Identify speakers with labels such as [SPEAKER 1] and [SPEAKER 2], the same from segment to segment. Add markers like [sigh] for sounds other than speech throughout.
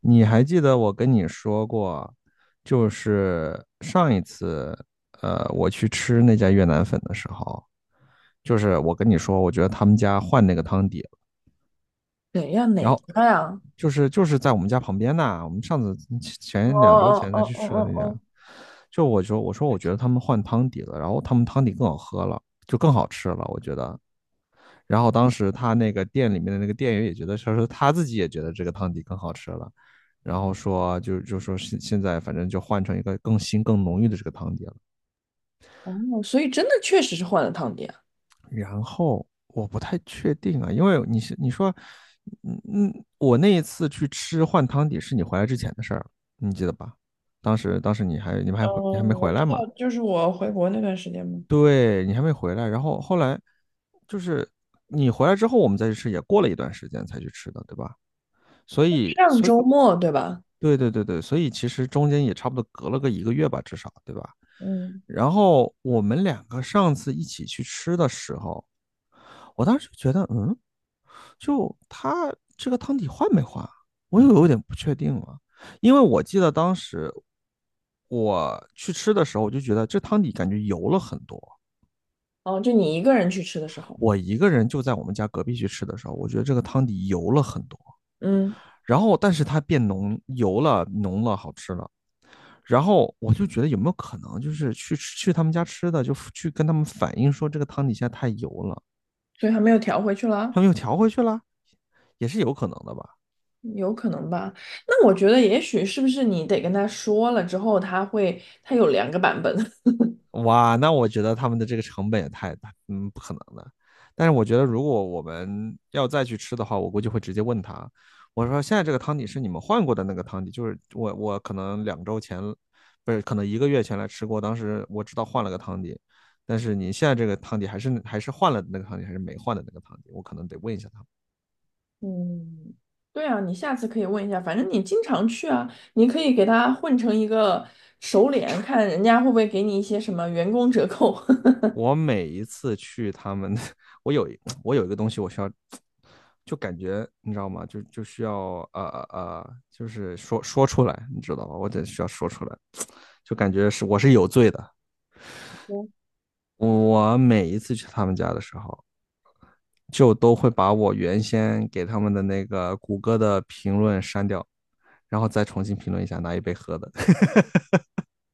[SPEAKER 1] 你还记得我跟你说过，就是上一次，我去吃那家越南粉的时候，就是我跟你说，我觉得他们家换那个汤底了。
[SPEAKER 2] 怎样
[SPEAKER 1] 然
[SPEAKER 2] 哪
[SPEAKER 1] 后
[SPEAKER 2] 家呀？
[SPEAKER 1] 就是在我们家旁边呐，我们上次
[SPEAKER 2] 哦
[SPEAKER 1] 前两周
[SPEAKER 2] 哦
[SPEAKER 1] 前
[SPEAKER 2] 哦
[SPEAKER 1] 才去吃过
[SPEAKER 2] 哦
[SPEAKER 1] 那家，
[SPEAKER 2] 哦
[SPEAKER 1] 就我说我觉得他们换汤底了，然后他们汤底更好喝了，就更好吃了，我觉得。然后当时他那个店里面的那个店员也觉得，他说他自己也觉得这个汤底更好吃了，然后说就说现在反正就换成一个更新更浓郁的这个汤底了。
[SPEAKER 2] 哦哦,所以真的确实是换了汤底啊。
[SPEAKER 1] 然后我不太确定啊，因为你说，我那一次去吃换汤底是你回来之前的事儿，你记得吧？当时
[SPEAKER 2] 嗯，
[SPEAKER 1] 你还没
[SPEAKER 2] 我
[SPEAKER 1] 回
[SPEAKER 2] 知
[SPEAKER 1] 来嘛？
[SPEAKER 2] 道，就是我回国那段时间嘛。
[SPEAKER 1] 对你还没回来，然后后来就是你回来之后我们再去吃，也过了一段时间才去吃的，对吧？所以
[SPEAKER 2] 上
[SPEAKER 1] 所以
[SPEAKER 2] 周末对吧？
[SPEAKER 1] 对对对对，所以其实中间也差不多隔了个一个月吧，至少，对吧？
[SPEAKER 2] 嗯，
[SPEAKER 1] 然后我们两个上次一起去吃的时候，我当时就觉得，嗯，就他这个汤底换没换啊，我又有点不确定了，因为我记得当时我去吃的时候，我就觉得这汤底感觉油了很多。
[SPEAKER 2] 哦，就你一个人去吃的时候。
[SPEAKER 1] 我一个人就在我们家隔壁去吃的时候，我觉得这个汤底油了很多，
[SPEAKER 2] 嗯，
[SPEAKER 1] 然后但是它变浓，油了，浓了，好吃了。然后我就觉得有没有可能，就是去他们家吃的，就去跟他们反映说这个汤底现在太油了，
[SPEAKER 2] 所以还没有调回去了，
[SPEAKER 1] 他们又调回去了，也是有可能的吧？
[SPEAKER 2] 有可能吧？那我觉得也许是不是你得跟他说了之后，他有两个版本。[laughs]
[SPEAKER 1] 哇，那我觉得他们的这个成本也太大，嗯，不可能的。但是我觉得如果我们要再去吃的话，我估计会直接问他，我说现在这个汤底是你们换过的那个汤底，就是我可能两周前，不是可能一个月前来吃过，当时我知道换了个汤底，但是你现在这个汤底还是换了那个汤底，还是没换的那个汤底，我可能得问一下他们。
[SPEAKER 2] 嗯，对啊，你下次可以问一下，反正你经常去啊，你可以给他混成一个熟脸，看人家会不会给你一些什么员工折扣。[laughs]
[SPEAKER 1] 我每一次去他们，我有我有一个东西我需要，就感觉你知道吗？就需要就是说出来，你知道吧？我得需要说出来，就感觉是我是有罪的。
[SPEAKER 2] 嗯，
[SPEAKER 1] 我每一次去他们家的时候，就都会把我原先给他们的那个谷歌的评论删掉，然后再重新评论一下，拿一杯喝的。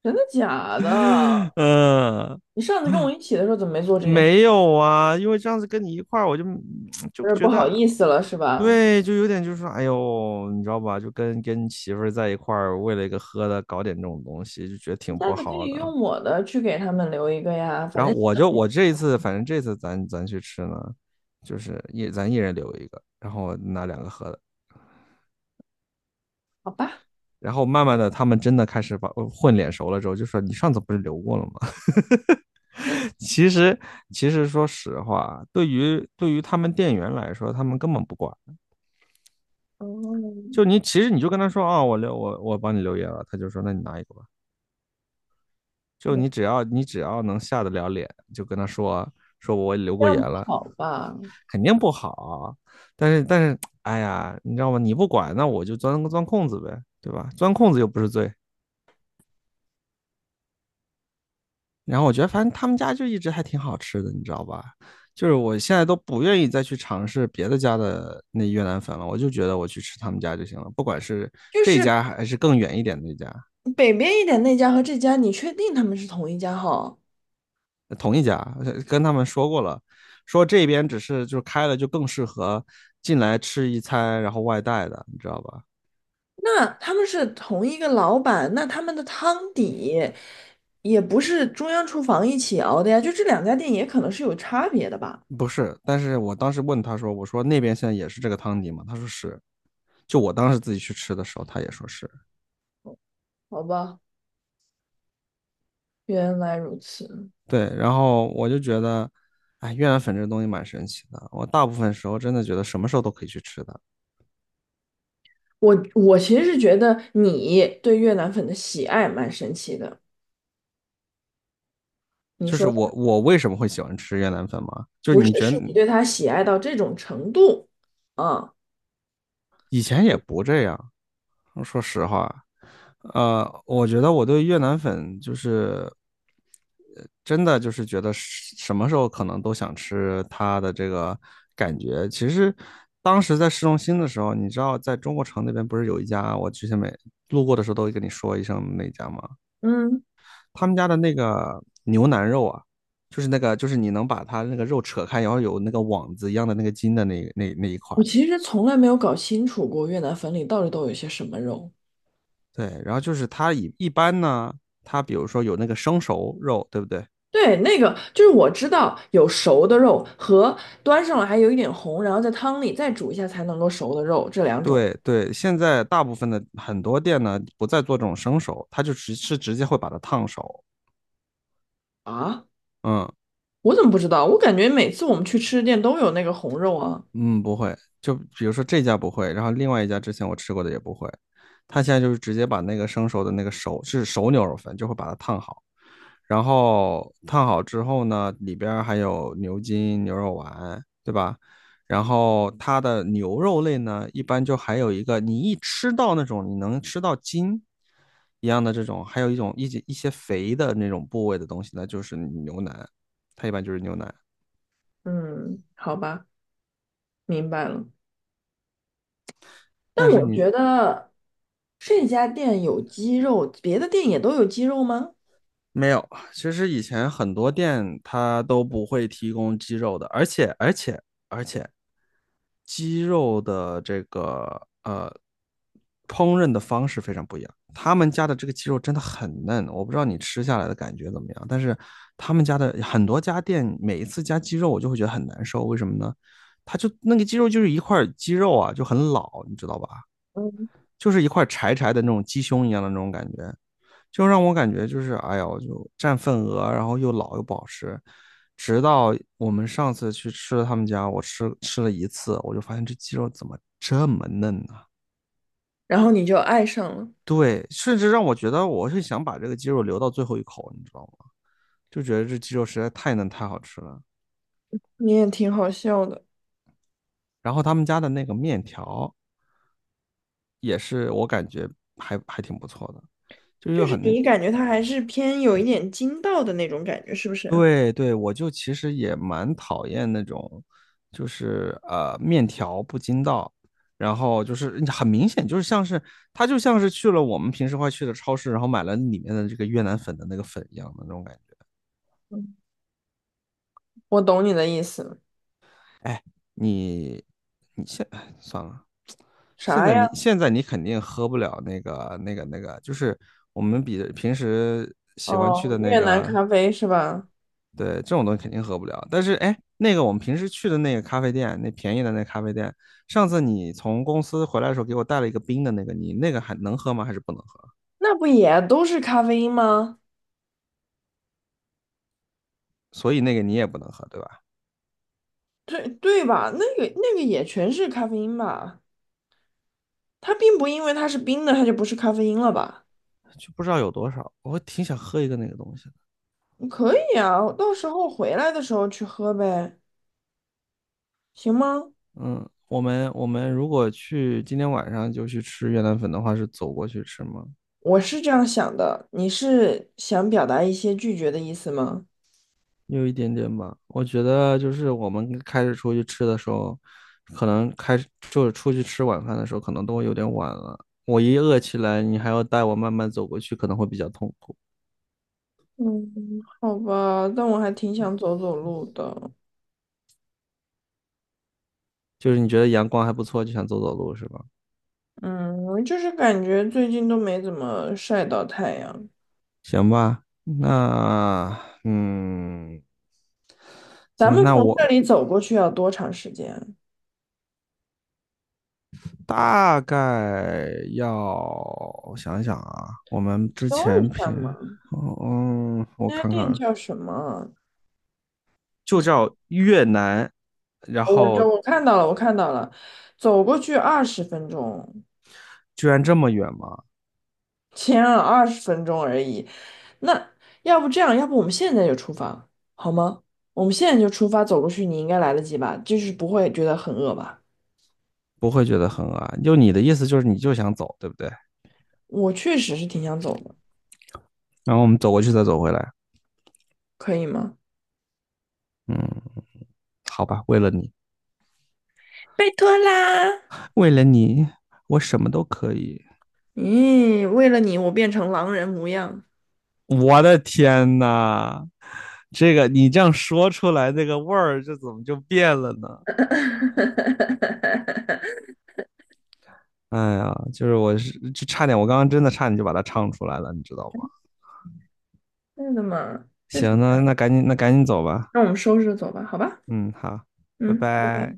[SPEAKER 2] 真的假的？
[SPEAKER 1] [laughs] 嗯。
[SPEAKER 2] 你上次跟我一起的时候怎么没做这件事？
[SPEAKER 1] 没有啊，因为这样子跟你一块儿，我就 [tsk] 就
[SPEAKER 2] 有点不
[SPEAKER 1] 觉
[SPEAKER 2] 好
[SPEAKER 1] 得，
[SPEAKER 2] 意思了是吧？
[SPEAKER 1] 对，就有点就是说，哎呦，你知道吧？就跟媳妇儿在一块儿，为了一个喝的搞点这种东西，就觉得
[SPEAKER 2] 你
[SPEAKER 1] 挺
[SPEAKER 2] 下
[SPEAKER 1] 不
[SPEAKER 2] 次可
[SPEAKER 1] 好
[SPEAKER 2] 以
[SPEAKER 1] 的。
[SPEAKER 2] 用我的去给他们留一个呀，反
[SPEAKER 1] 然后
[SPEAKER 2] 正
[SPEAKER 1] 我这一次，反正这次咱去吃呢，就是咱一人留一个，然后拿两个喝的。
[SPEAKER 2] 好吧。
[SPEAKER 1] 然后慢慢的，他们真的开始把混脸熟了之后，就说你上次不是留过了吗？[laughs]
[SPEAKER 2] [laughs]
[SPEAKER 1] 其实其实说实话，对于他们店员来说，他们根本不管。
[SPEAKER 2] 哦，
[SPEAKER 1] 就
[SPEAKER 2] 嗯，
[SPEAKER 1] 你其实你就跟他说啊，哦我留我我帮你留言了，他就说那你拿一个吧。就你只要能下得了脸，就跟他说说我留
[SPEAKER 2] 这
[SPEAKER 1] 过言
[SPEAKER 2] 样不
[SPEAKER 1] 了，
[SPEAKER 2] 好吧？
[SPEAKER 1] 肯定不好。但是，哎呀，你知道吗？你不管，那我就钻空子呗，对吧？钻空子又不是罪。然后我觉得反正他们家就一直还挺好吃的，你知道吧？就是我现在都不愿意再去尝试别的家的那越南粉了，我就觉得我去吃他们家就行了，不管是
[SPEAKER 2] 就
[SPEAKER 1] 这一
[SPEAKER 2] 是
[SPEAKER 1] 家还是更远一点的一家。
[SPEAKER 2] 北边一点那家和这家，你确定他们是同一家哈？
[SPEAKER 1] 同一家，跟他们说过了，说这边就是开了就更适合进来吃一餐，然后外带的，你知道吧？
[SPEAKER 2] 那他们是同一个老板，那他们的汤底也不是中央厨房一起熬的呀，就这两家店也可能是有差别的吧？
[SPEAKER 1] 不是，但是我当时问他说，我说那边现在也是这个汤底吗？他说是，就我当时自己去吃的时候，他也说是。
[SPEAKER 2] 好吧，原来如此。
[SPEAKER 1] 对，然后我就觉得，哎，越南粉这东西蛮神奇的，我大部分时候真的觉得什么时候都可以去吃的。
[SPEAKER 2] 我其实是觉得你对越南粉的喜爱蛮神奇的。你
[SPEAKER 1] 就是
[SPEAKER 2] 说
[SPEAKER 1] 我为什么会喜欢吃越南粉嘛？就是
[SPEAKER 2] 不是，
[SPEAKER 1] 你觉得
[SPEAKER 2] 是你对它喜爱到这种程度，啊？
[SPEAKER 1] 以前也不这样，说实话，我觉得我对越南粉就是真的就是觉得是什么时候可能都想吃它的这个感觉。其实当时在市中心的时候，你知道在中国城那边不是有一家，我之前每路过的时候都会跟你说一声那家吗？
[SPEAKER 2] 嗯，
[SPEAKER 1] 他们家的那个牛腩肉啊，就是那个就是你能把它那个肉扯开，然后有那个网子一样的那个筋的那一块
[SPEAKER 2] 我
[SPEAKER 1] 儿。
[SPEAKER 2] 其实从来没有搞清楚过越南粉里到底都有些什么肉。
[SPEAKER 1] 对，然后就是它一般呢，它比如说有那个生熟肉，对不对？
[SPEAKER 2] 对，那个就是我知道有熟的肉和端上来还有一点红，然后在汤里再煮一下才能够熟的肉，这两种。
[SPEAKER 1] 对对，现在大部分的很多店呢不再做这种生熟，它就直接会把它烫熟。
[SPEAKER 2] 啊，
[SPEAKER 1] 嗯。
[SPEAKER 2] 我怎么不知道？我感觉每次我们去吃的店都有那个红肉啊。
[SPEAKER 1] 嗯，不会，就比如说这家不会，然后另外一家之前我吃过的也不会，他现在就是直接把那个生熟的那个熟是熟牛肉粉，就会把它烫好，然后烫好之后呢，里边儿还有牛筋、牛肉丸，对吧？然后它的牛肉类呢，一般就还有一个，你一吃到那种你能吃到筋一样的这种，还有一种一些肥的那种部位的东西那就是牛腩，它一般就是牛腩。
[SPEAKER 2] 嗯，好吧，明白了。但
[SPEAKER 1] 但是
[SPEAKER 2] 我
[SPEAKER 1] 你
[SPEAKER 2] 觉得这家店有鸡肉，别的店也都有鸡肉吗？
[SPEAKER 1] 没有，其实以前很多店它都不会提供鸡肉的，而且，鸡肉的这个烹饪的方式非常不一样。他们家的这个鸡肉真的很嫩，我不知道你吃下来的感觉怎么样，但是他们家的很多家店每一次加鸡肉，我就会觉得很难受。为什么呢？它就那个鸡肉就是一块鸡肉啊，就很老，你知道吧？
[SPEAKER 2] 嗯，
[SPEAKER 1] 就是一块柴柴的那种鸡胸一样的那种感觉。就让我感觉就是哎呦，我就占份额，然后又老又不好吃。直到我们上次去吃了他们家，我吃了一次，我就发现这鸡肉怎么这么嫩呢、啊
[SPEAKER 2] 然后你就爱上了。
[SPEAKER 1] 对，甚至让我觉得我是想把这个鸡肉留到最后一口，你知道吗？就觉得这鸡肉实在太嫩太好吃了。
[SPEAKER 2] 你也挺好笑的。
[SPEAKER 1] 然后他们家的那个面条也是我感觉还挺不错的，就
[SPEAKER 2] 就
[SPEAKER 1] 又
[SPEAKER 2] 是
[SPEAKER 1] 很
[SPEAKER 2] 你感觉它还是偏有一点筋道的那种感觉，是不是？
[SPEAKER 1] 对对，我就其实也蛮讨厌那种，就是面条不筋道，然后就是很明显就是像是他就像是去了我们平时会去的超市，然后买了里面的这个越南粉的那个粉一样的那种感觉。
[SPEAKER 2] 我懂你的意思。
[SPEAKER 1] 哎，你你现哎算了，现
[SPEAKER 2] 啥
[SPEAKER 1] 在你
[SPEAKER 2] 呀？
[SPEAKER 1] 现在你肯定喝不了那个，就是我们比平时喜欢去
[SPEAKER 2] 哦，
[SPEAKER 1] 的那
[SPEAKER 2] 越南咖
[SPEAKER 1] 个。
[SPEAKER 2] 啡是吧？
[SPEAKER 1] 对，这种东西肯定喝不了。但是，哎，那个我们平时去的那个咖啡店，那便宜的那咖啡店，上次你从公司回来的时候给我带了一个冰的那个，你那个还能喝吗？还是不能喝？
[SPEAKER 2] 那不也都是咖啡因吗？
[SPEAKER 1] 所以那个你也不能喝，对吧？
[SPEAKER 2] 对，对吧？那个那个也全是咖啡因吧？它并不因为它是冰的，它就不是咖啡因了吧？
[SPEAKER 1] 就不知道有多少，我挺想喝一个那个东西的。
[SPEAKER 2] 可以啊，我到时候回来的时候去喝呗，行吗？
[SPEAKER 1] 嗯，我们如果去今天晚上就去吃越南粉的话，是走过去吃吗？
[SPEAKER 2] 我是这样想的，你是想表达一些拒绝的意思吗？
[SPEAKER 1] 有一点点吧，我觉得就是我们开始出去吃的时候，可能开始就是出去吃晚饭的时候，可能都会有点晚了。我一饿起来，你还要带我慢慢走过去，可能会比较痛苦。
[SPEAKER 2] 嗯，好吧，但我还挺想走走路的。
[SPEAKER 1] 就是你觉得阳光还不错，就想走走路是吧？
[SPEAKER 2] 嗯，我就是感觉最近都没怎么晒到太阳。
[SPEAKER 1] 行吧，那嗯，
[SPEAKER 2] 咱
[SPEAKER 1] 行吧，
[SPEAKER 2] 们
[SPEAKER 1] 那
[SPEAKER 2] 从这
[SPEAKER 1] 我
[SPEAKER 2] 里走过去要多长时间啊，
[SPEAKER 1] 大概要想一想啊，我们之
[SPEAKER 2] 搜
[SPEAKER 1] 前
[SPEAKER 2] 一下
[SPEAKER 1] 平，
[SPEAKER 2] 嘛。
[SPEAKER 1] 嗯，我
[SPEAKER 2] 那家
[SPEAKER 1] 看看
[SPEAKER 2] 店
[SPEAKER 1] 啊，
[SPEAKER 2] 叫什么？
[SPEAKER 1] 就
[SPEAKER 2] 你，
[SPEAKER 1] 叫越南，然
[SPEAKER 2] 哦我
[SPEAKER 1] 后。
[SPEAKER 2] 这我看到了，我看到了，走过去二十分钟。
[SPEAKER 1] 居然这么远吗？
[SPEAKER 2] 前啊二十分钟而已。那要不这样，要不我们现在就出发，好吗？我们现在就出发，走过去你应该来得及吧？就是不会觉得很饿吧？
[SPEAKER 1] 不会觉得很恶心就你的意思就是你就想走，对不对？
[SPEAKER 2] 我确实是挺想走的，
[SPEAKER 1] 然后我们走过去再走回来，
[SPEAKER 2] 可以吗？
[SPEAKER 1] 嗯，好吧，为了你，
[SPEAKER 2] 拜托啦！
[SPEAKER 1] 为了你，我什么都可以。
[SPEAKER 2] 咦，为了你，我变成狼人模样。
[SPEAKER 1] 我的天呐，这个你这样说出来，那个味儿这怎么就变了呢？哎呀，就是我是就差点，我刚刚真的差点就把它唱出来了，你知道吗？
[SPEAKER 2] 真的吗？就是
[SPEAKER 1] 行，
[SPEAKER 2] 这
[SPEAKER 1] 那
[SPEAKER 2] 样，
[SPEAKER 1] 那赶紧走吧，
[SPEAKER 2] 那我们收拾走吧，好吧？
[SPEAKER 1] 嗯，好，拜
[SPEAKER 2] 嗯。拜拜
[SPEAKER 1] 拜。